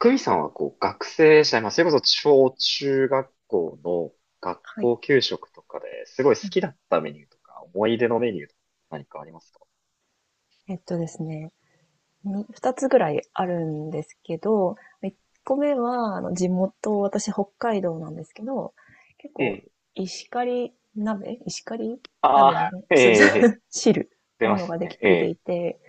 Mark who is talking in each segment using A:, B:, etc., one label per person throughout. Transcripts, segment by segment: A: クミさんは学生時代、まあ、それこそ小中学校の学
B: はい。
A: 校給食とかですごい好
B: う
A: きだ
B: ん、
A: ったメニューとか、思い出のメニューとか何かありますか？
B: えっとですね、二つぐらいあるんですけど、一個目は、地元、私北海道なんですけど、結
A: え
B: 構、
A: え。
B: 石狩
A: あ
B: 鍋の
A: あ、
B: ね、
A: ええ、
B: 汁、
A: 出
B: も
A: ま
B: の
A: す
B: ができ
A: ね。え
B: ててい
A: え、
B: て、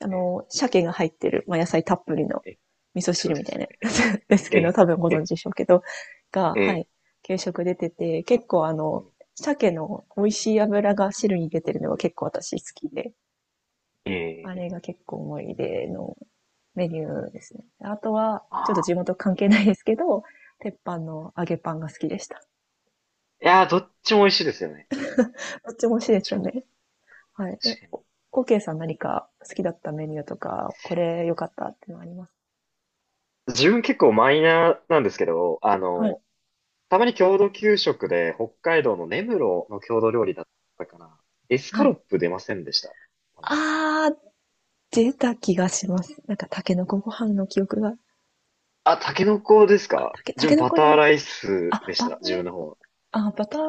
A: え
B: 鮭が入ってる、まあ、野菜たっぷりの
A: え、
B: 味噌
A: そう
B: 汁み
A: で
B: たい
A: す
B: な、
A: ね。
B: です
A: え
B: けど、
A: え、
B: 多分ご
A: え
B: 存
A: え、
B: 知でしょうけど、が、
A: え
B: はい、
A: え、
B: 給食出てて、結構鮭の美味しい油が汁に出てるのが結構私好きで、
A: ええ、
B: あ
A: え
B: れ
A: え、
B: が結構思い出のメニューですね。あとは、
A: あ
B: ちょっと地
A: あ。
B: 元関係ないですけど、鉄板の揚げパンが好きでした。
A: いやー、どっちも美味しいですよね。
B: どっちも美味しい
A: どっ
B: です
A: ち
B: よ
A: も。
B: ね。はい。
A: 確かに。
B: オーケーさん、何か好きだったメニューとか、これ良かったっていうのあります？
A: 自分結構マイナーなんですけど、
B: はい。
A: たまに郷土給食で北海道の根室の郷土料理だったかな。エスカ
B: は
A: ロッ
B: い。
A: プ出ませんでした？たまに。
B: あー、出た気がします。なんか、タケノコご飯の記憶が。
A: あ、タケノコですか？
B: タ
A: 自
B: ケ
A: 分
B: ノ
A: バ
B: コじゃ
A: タ
B: な
A: ー
B: い。
A: ライス
B: あ、
A: でし
B: バタ
A: た。
B: ー、
A: 自分の方は。
B: バター、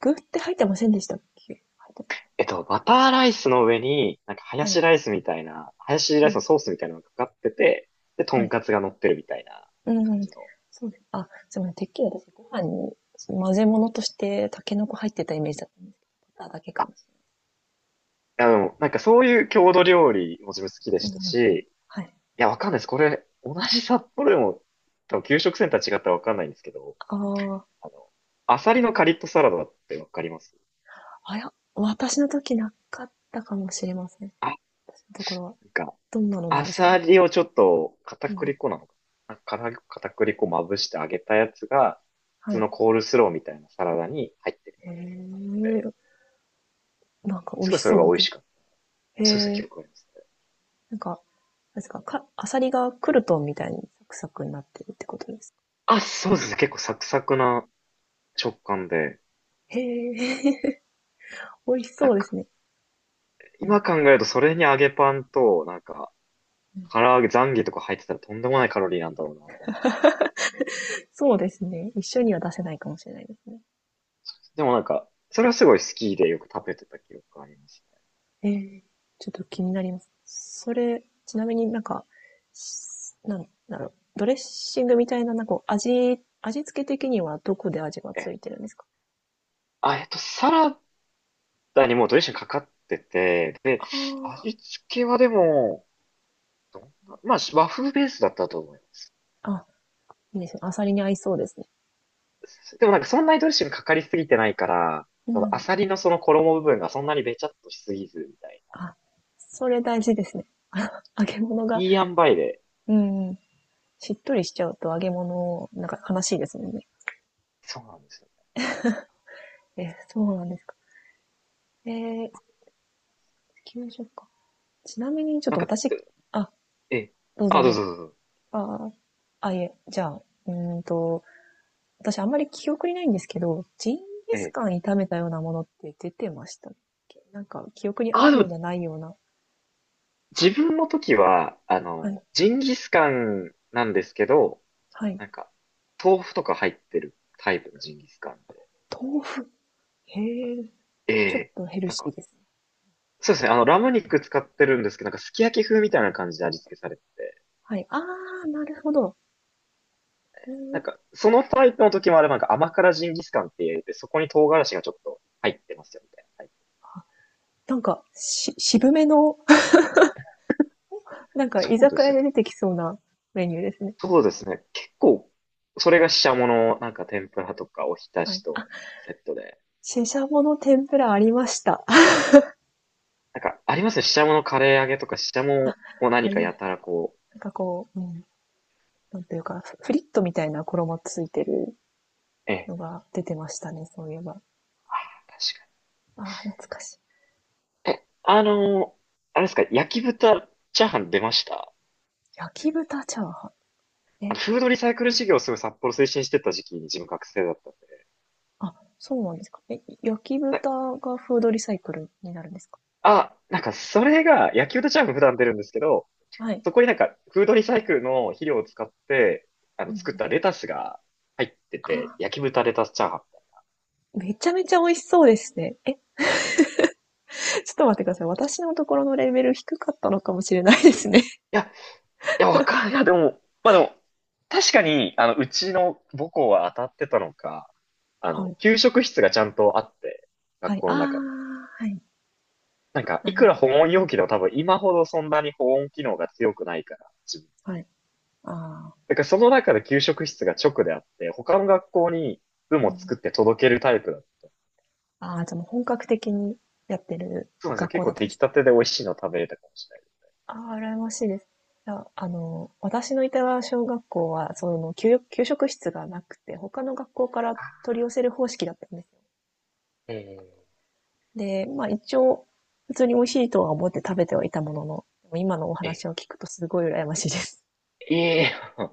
B: 具って入ってませんでしたっけ？入って
A: バターライスの上に、なんかハヤ
B: ない。はい。
A: シライスみたいな、ハヤシ
B: う
A: ライス
B: ん。
A: のソースみたいなのがかかってて、で、ト
B: は
A: ン
B: い。
A: カツが乗ってるみたいな
B: うん
A: 感
B: うん。
A: じの。
B: そうです。あ、すみません。てっきり私、ご飯に、その混ぜ物として、タケノコ入ってたイメージだったんですけど、バターだけか
A: あ、
B: もし
A: なんかそういう郷土料理も自分好きで
B: れ
A: し
B: ない。
A: た
B: うんうん。
A: し、
B: はい。
A: いや、わかんないです。これ、同じ札幌でも、多分給食センター違ったらわかんないんですけど、
B: ああ、
A: あの、アサリのカリッとサラダってわかります？
B: 私の時なかったかもしれません。
A: あ、
B: 私のところは。
A: なんか、
B: どんなのなん
A: ア
B: ですか？
A: サリをちょっと片
B: うん。
A: 栗粉なのかなから片栗粉まぶして揚げたやつが、普
B: は
A: 通
B: い。
A: のコールスローみたいなサラダに入ってる
B: へ
A: の
B: え、
A: で、
B: なんか美
A: す
B: 味し
A: ごいそれ
B: そ
A: が
B: う
A: 美味
B: で。
A: しかった。
B: へ
A: そうですね、記
B: え、
A: 憶ありますね。
B: なんか、なんですか、か、アサリがクルトンみたいにサクサクになってるってことですか？
A: あ、そうですね、結構サクサクな食感で、
B: へえ、美味し
A: なん
B: そうです
A: か、
B: ね。うん
A: 今考えるとそれに揚げパンと、なんか、
B: うん。
A: 唐揚げ、ザンギとか入ってたらとんでもないカロリーなんだろうなと思うんですけど。
B: そうですね。一緒には出せないかもしれないですね。
A: でもなんか、それはすごい好きでよく食べてた記憶がありますね。
B: ええ、ちょっと気になります。それ、ちなみになんだろう、ドレッシングみたいな、味付け的にはどこで味が
A: え
B: つ
A: え、
B: いてるんですか？
A: あ、サラダにもうドレッシングかかってて、で、
B: あ
A: 味付けはでも、どんな、まあ、和風ベースだったと思います。
B: あ、ー、あ、いいですね。アサリに合いそうですね。
A: でもなんかそんなにドレッシングかかりすぎてないから、
B: う
A: そのア
B: ん。
A: サリのその衣部分がそんなにべちゃっとしすぎずみたいな。
B: あ、それ大事ですね。あ、揚げ物が、
A: いい塩梅で。
B: うん、しっとりしちゃうと揚げ物、なんか悲しいですもんね。
A: そうなんですよ。
B: え、そうなんですか。ええ、給食か。ちなみにちょっ
A: な
B: と
A: んか、
B: 私、あ、
A: ええ、
B: どう
A: あ、
B: ぞ
A: どう
B: どうぞ。
A: ぞどうぞ。
B: ああ、あ、いえ、じゃあ、うーんと、私あんまり記憶にないんですけど、ジンギ
A: え
B: ス
A: え。
B: カン炒めたようなものって出てましたっけ？なんか記憶にあ
A: あ、で
B: るよう
A: も、
B: なないような。
A: 自分の時は、
B: はい。
A: ジンギスカンなんですけど、
B: はい。
A: なんか、豆腐とか入ってるタイプのジンギスカンで。
B: 豆腐。へえ。
A: え
B: ちょっ
A: え。
B: とヘル
A: なん
B: シ
A: か、
B: ーですね。
A: そうですね。ラム肉使ってるんですけど、なんかすき焼き風みたいな感じで味付けされてて、
B: はい。あー、なるほど。うー
A: なん
B: ん。
A: か、そのタイプの時もあれば、なんか甘辛ジンギスカンって言って、そこに唐辛子がちょっと入ってますよ、みたいなタイプ。
B: なんか、渋めの、なんか居
A: そうで
B: 酒
A: す
B: 屋
A: ね。
B: で出てきそうなメニューですね。
A: そうですね。結構、それがししゃもの、なんか天ぷらとかおひた
B: はい。
A: し
B: あ、
A: とセットで。
B: シシャモの天ぷらありました。
A: なんか、ありますね。ししゃものカレー揚げとか、ししゃ
B: あ
A: もを
B: あ
A: 何
B: り
A: か
B: ま
A: や
B: す。
A: たらこ
B: なんかこう、うん。なんていうか、フフリットみたいな衣ついてる
A: う。ええ、
B: のが出てましたね、そういえば。
A: 確
B: ああ、懐かしい。
A: かに。え、あのーあれですか、焼き豚チャーハン出ました？
B: 焼き豚チャーハン。え、
A: フードリサイクル事業をすごい札幌推進してた時期に自分学生だったんで。
B: あ、そうなんですか。え、焼き
A: な
B: 豚がフードリサイクルになるんですか？
A: なんかそれが野球とチャーム普段出るんですけど、
B: はい。
A: そこになんかフードリサイクルの肥料を使って、
B: う
A: 作っ
B: ん、
A: たレタスが入ってて、
B: あ、
A: 焼き豚レタスチャーハン。い
B: めちゃめちゃ美味しそうですね。え、ちょっと待ってください。私のところのレベル低かったのかもしれないですね。
A: や、いや、わかんない。いや、でも、まあでも、確かに、うちの母校は当たってたのか、
B: はい。
A: 給食室がちゃんとあって、
B: は
A: 学
B: い。
A: 校
B: あ
A: の中に。
B: ー、はい。
A: なんか、
B: な
A: いく
B: る
A: ら
B: ほ
A: 保温容器でも多分今ほどそんなに保温機能が強くないから、
B: ど。はい。あー、
A: だからその中で給食室が直であって、他の学校に部
B: う
A: も
B: ん。
A: 作って届けるタイプだった。
B: ああ、じゃあもう本格的にやってる
A: そうなんですよ。
B: 学
A: 結
B: 校だ
A: 構
B: ったん
A: 出
B: で
A: 来
B: す
A: た
B: ね。
A: てで美味しいの食べれたかもしれないです。
B: ああ、羨ましいです。私のいた小学校は、その、給食室がなくて、他の学校から取り寄せる方式だったんですよ。
A: えー
B: で、まあ一応、普通に美味しいとは思って食べてはいたものの、でも今のお
A: え、
B: 話を聞くとすごい羨ましいです。
A: ええー、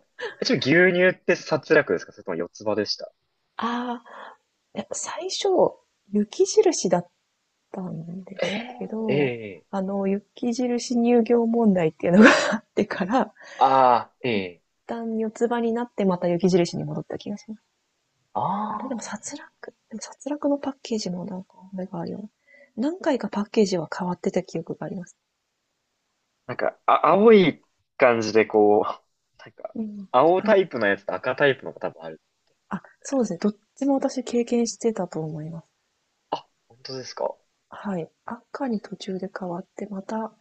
A: ちょっと牛乳って殺略ですか、それとも四つ葉でした？
B: ああ、いや最初、雪印だったんで
A: え
B: すけ
A: ええ
B: ど、
A: え、
B: あの、雪印乳業問題っていうのが あってから、
A: ああ、え
B: 一
A: え、
B: 旦四つ葉になってまた雪印に戻った気がします。あれでも
A: あ
B: 殺戮
A: あ、
B: でも、殺戮のパッケージもなんか、あれがあるよね。何回かパッケージは変わってた記憶があります。
A: なんか、あ、青い感じでこう、なんか、
B: うん。
A: 青
B: あ、
A: タイプのやつと赤タイプのが多分ある。
B: あ、そうですね。どっちも私経験してたと思います。
A: あ、本当ですか？
B: はい。赤に途中で変わって、また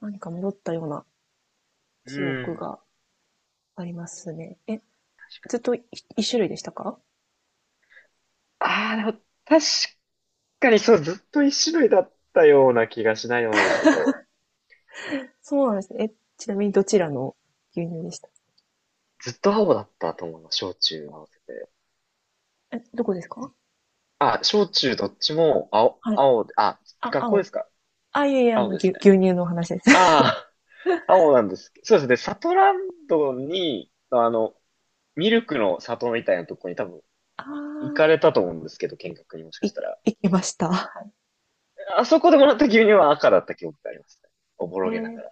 B: 何か戻ったような
A: う
B: 記憶
A: ん。
B: がありますね。え、ずっとい一種類でしたか？
A: ああ、でも確かにそう、ずっと一種類だったような気がしないでもないですけど、
B: そうなんですね。え、ちなみにどちらの牛乳でした？
A: ずっと青だったと思うの、小中合わせて。
B: え、どこですか？
A: あ、小中どっちも青、
B: はい。
A: 青で、あ、
B: あ、
A: 学校で
B: 青。
A: すか？
B: あ、いやいや、あの、
A: 青です
B: 牛
A: ね。
B: 乳の話です。
A: ああ、青なんです。そうですね、サトランドに、ミルクの里みたいなとこに多分、
B: あ
A: 行か
B: あ、
A: れたと思うんですけど、見学にもしか
B: い、
A: したら。
B: いけました。
A: あそこでもらった牛乳は赤だった記憶がありますね。おぼ
B: へ
A: ろげなが
B: え。
A: ら。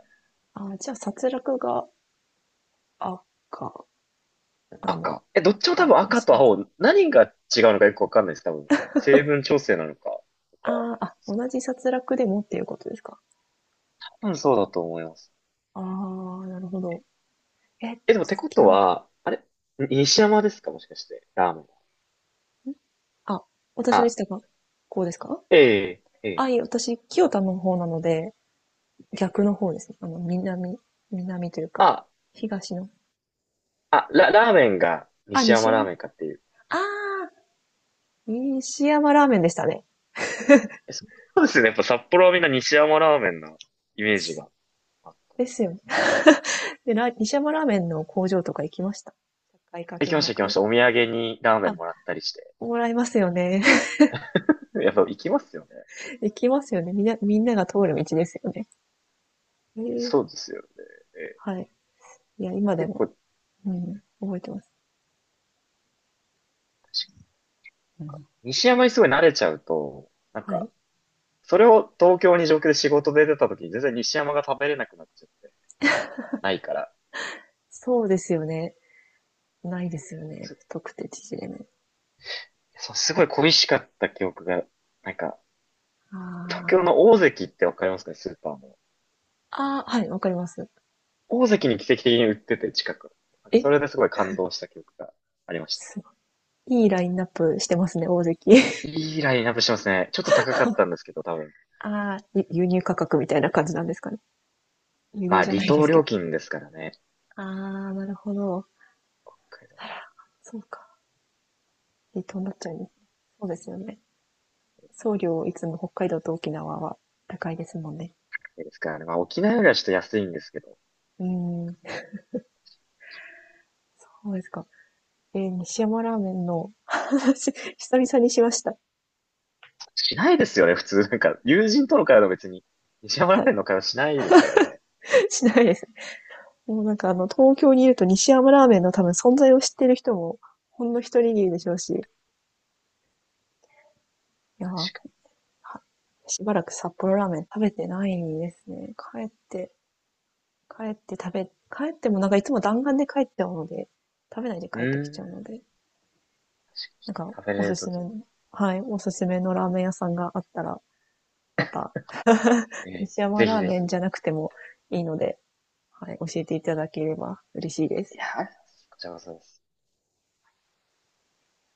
B: あ、じゃあ、殺戮が赤なの
A: 赤。どっちも
B: か
A: 多分
B: も
A: 赤
B: し
A: と
B: れない。
A: 青、何が違うのかよくわかんないです、多分。成分調整なのか、とか、
B: あー、あ、
A: ですか？
B: 同じ殺戮でもっていうことですか。
A: 多分そうだと思います。
B: ああ、なるほど。え、好
A: でもってこ
B: き
A: と
B: な。
A: は、あれ西山ですか、もしかして、ラーメンは。
B: あ、私の位
A: あ、
B: 置がこうですか？
A: ええ、ええ、
B: あ、いえ、私、清田の方なので、
A: ええ。
B: 逆の方ですね。あの、南というか、
A: あ、
B: 東の。
A: あ、ラーメンが
B: あ、
A: 西
B: 西
A: 山ラー
B: 山。
A: メンかっていう。
B: ああ、西山ラーメンでしたね。
A: そうですね。やっぱ札幌はみんな西山ラーメンのイメージがあった。
B: ですよね。で、西山ラーメンの工場とか行きました。社会科
A: 行き
B: 見
A: ました行き
B: 学
A: まし
B: で。
A: た。お土産にラーメ
B: あ、
A: ンもらったりして。
B: もらいますよね。
A: やっぱ行きますよね。
B: 行きますよね。みんな、みんなが通る道ですよね。えー、
A: そうですよね。ええ、
B: はい。いや、今で
A: 結
B: も、
A: 構、
B: うん、覚えてます。うん、
A: 西山にすごい慣れちゃうと、なん
B: は
A: か、
B: い。
A: それを東京に上京で仕事で出た時に全然西山が食べれなくなっちゃって、あの、ないから、
B: そうですよね。ないですよね。
A: す、
B: 太くて縮れ麺。
A: そうすごい恋しかった記憶が、なんか、東
B: あ、
A: 京の大関ってわかりますかね、スーパーの。
B: ああ、はい、わかります。
A: 大関に奇跡的に売ってて、近く。なんか
B: え、
A: それですごい感動した記憶がありましたね。
B: すごい。いいラインナップしてますね、大関。
A: いいラインナップしてますね。ちょっと高かったんですけど、多分。
B: ああ、輸入価格みたいな感じなんですかね。輸
A: ま
B: 入
A: あ、
B: じゃ
A: 離
B: ないで
A: 島
B: すけ
A: 料
B: ど。
A: 金ですからね。
B: ああ、なるほど。
A: 北海
B: あ
A: 道
B: ら、そうか。離島になっちゃうんですね。そうですよね。送料いつも北海道と沖縄は高いですもんね。
A: ですからね。まあ、沖縄よりはちょっと安いんですけど。
B: うーん。そうですか。えー、西山ラーメンの話、久々にしました。
A: しないですよね、普通。なんか、友人との会話の別に、西山
B: は
A: ラー
B: い。
A: メンの会話しないですからね。
B: しないです。もうなんかあの、東京にいると西山ラーメンの多分存在を知ってる人も、ほんの一握りでしょうし、いやー、は
A: 確か
B: しばらく札幌ラーメン食べてないですね。帰って食べ、帰ってもなんかいつも弾丸で帰っちゃうので、食べないで
A: に。う
B: 帰ってきちゃう
A: ー
B: の
A: ん。
B: で、なんか
A: 食べ
B: お
A: れ
B: す
A: ると
B: すめ
A: き
B: の、
A: に。
B: はい、おすすめのラーメン屋さんがあったら、また、
A: ええ、
B: 西山
A: ぜひ
B: ラー
A: ぜ
B: メ
A: ひ。
B: ン
A: い
B: じゃなくてもいいので、はい、教えていただければ嬉しいです。
A: や、こちらこそです。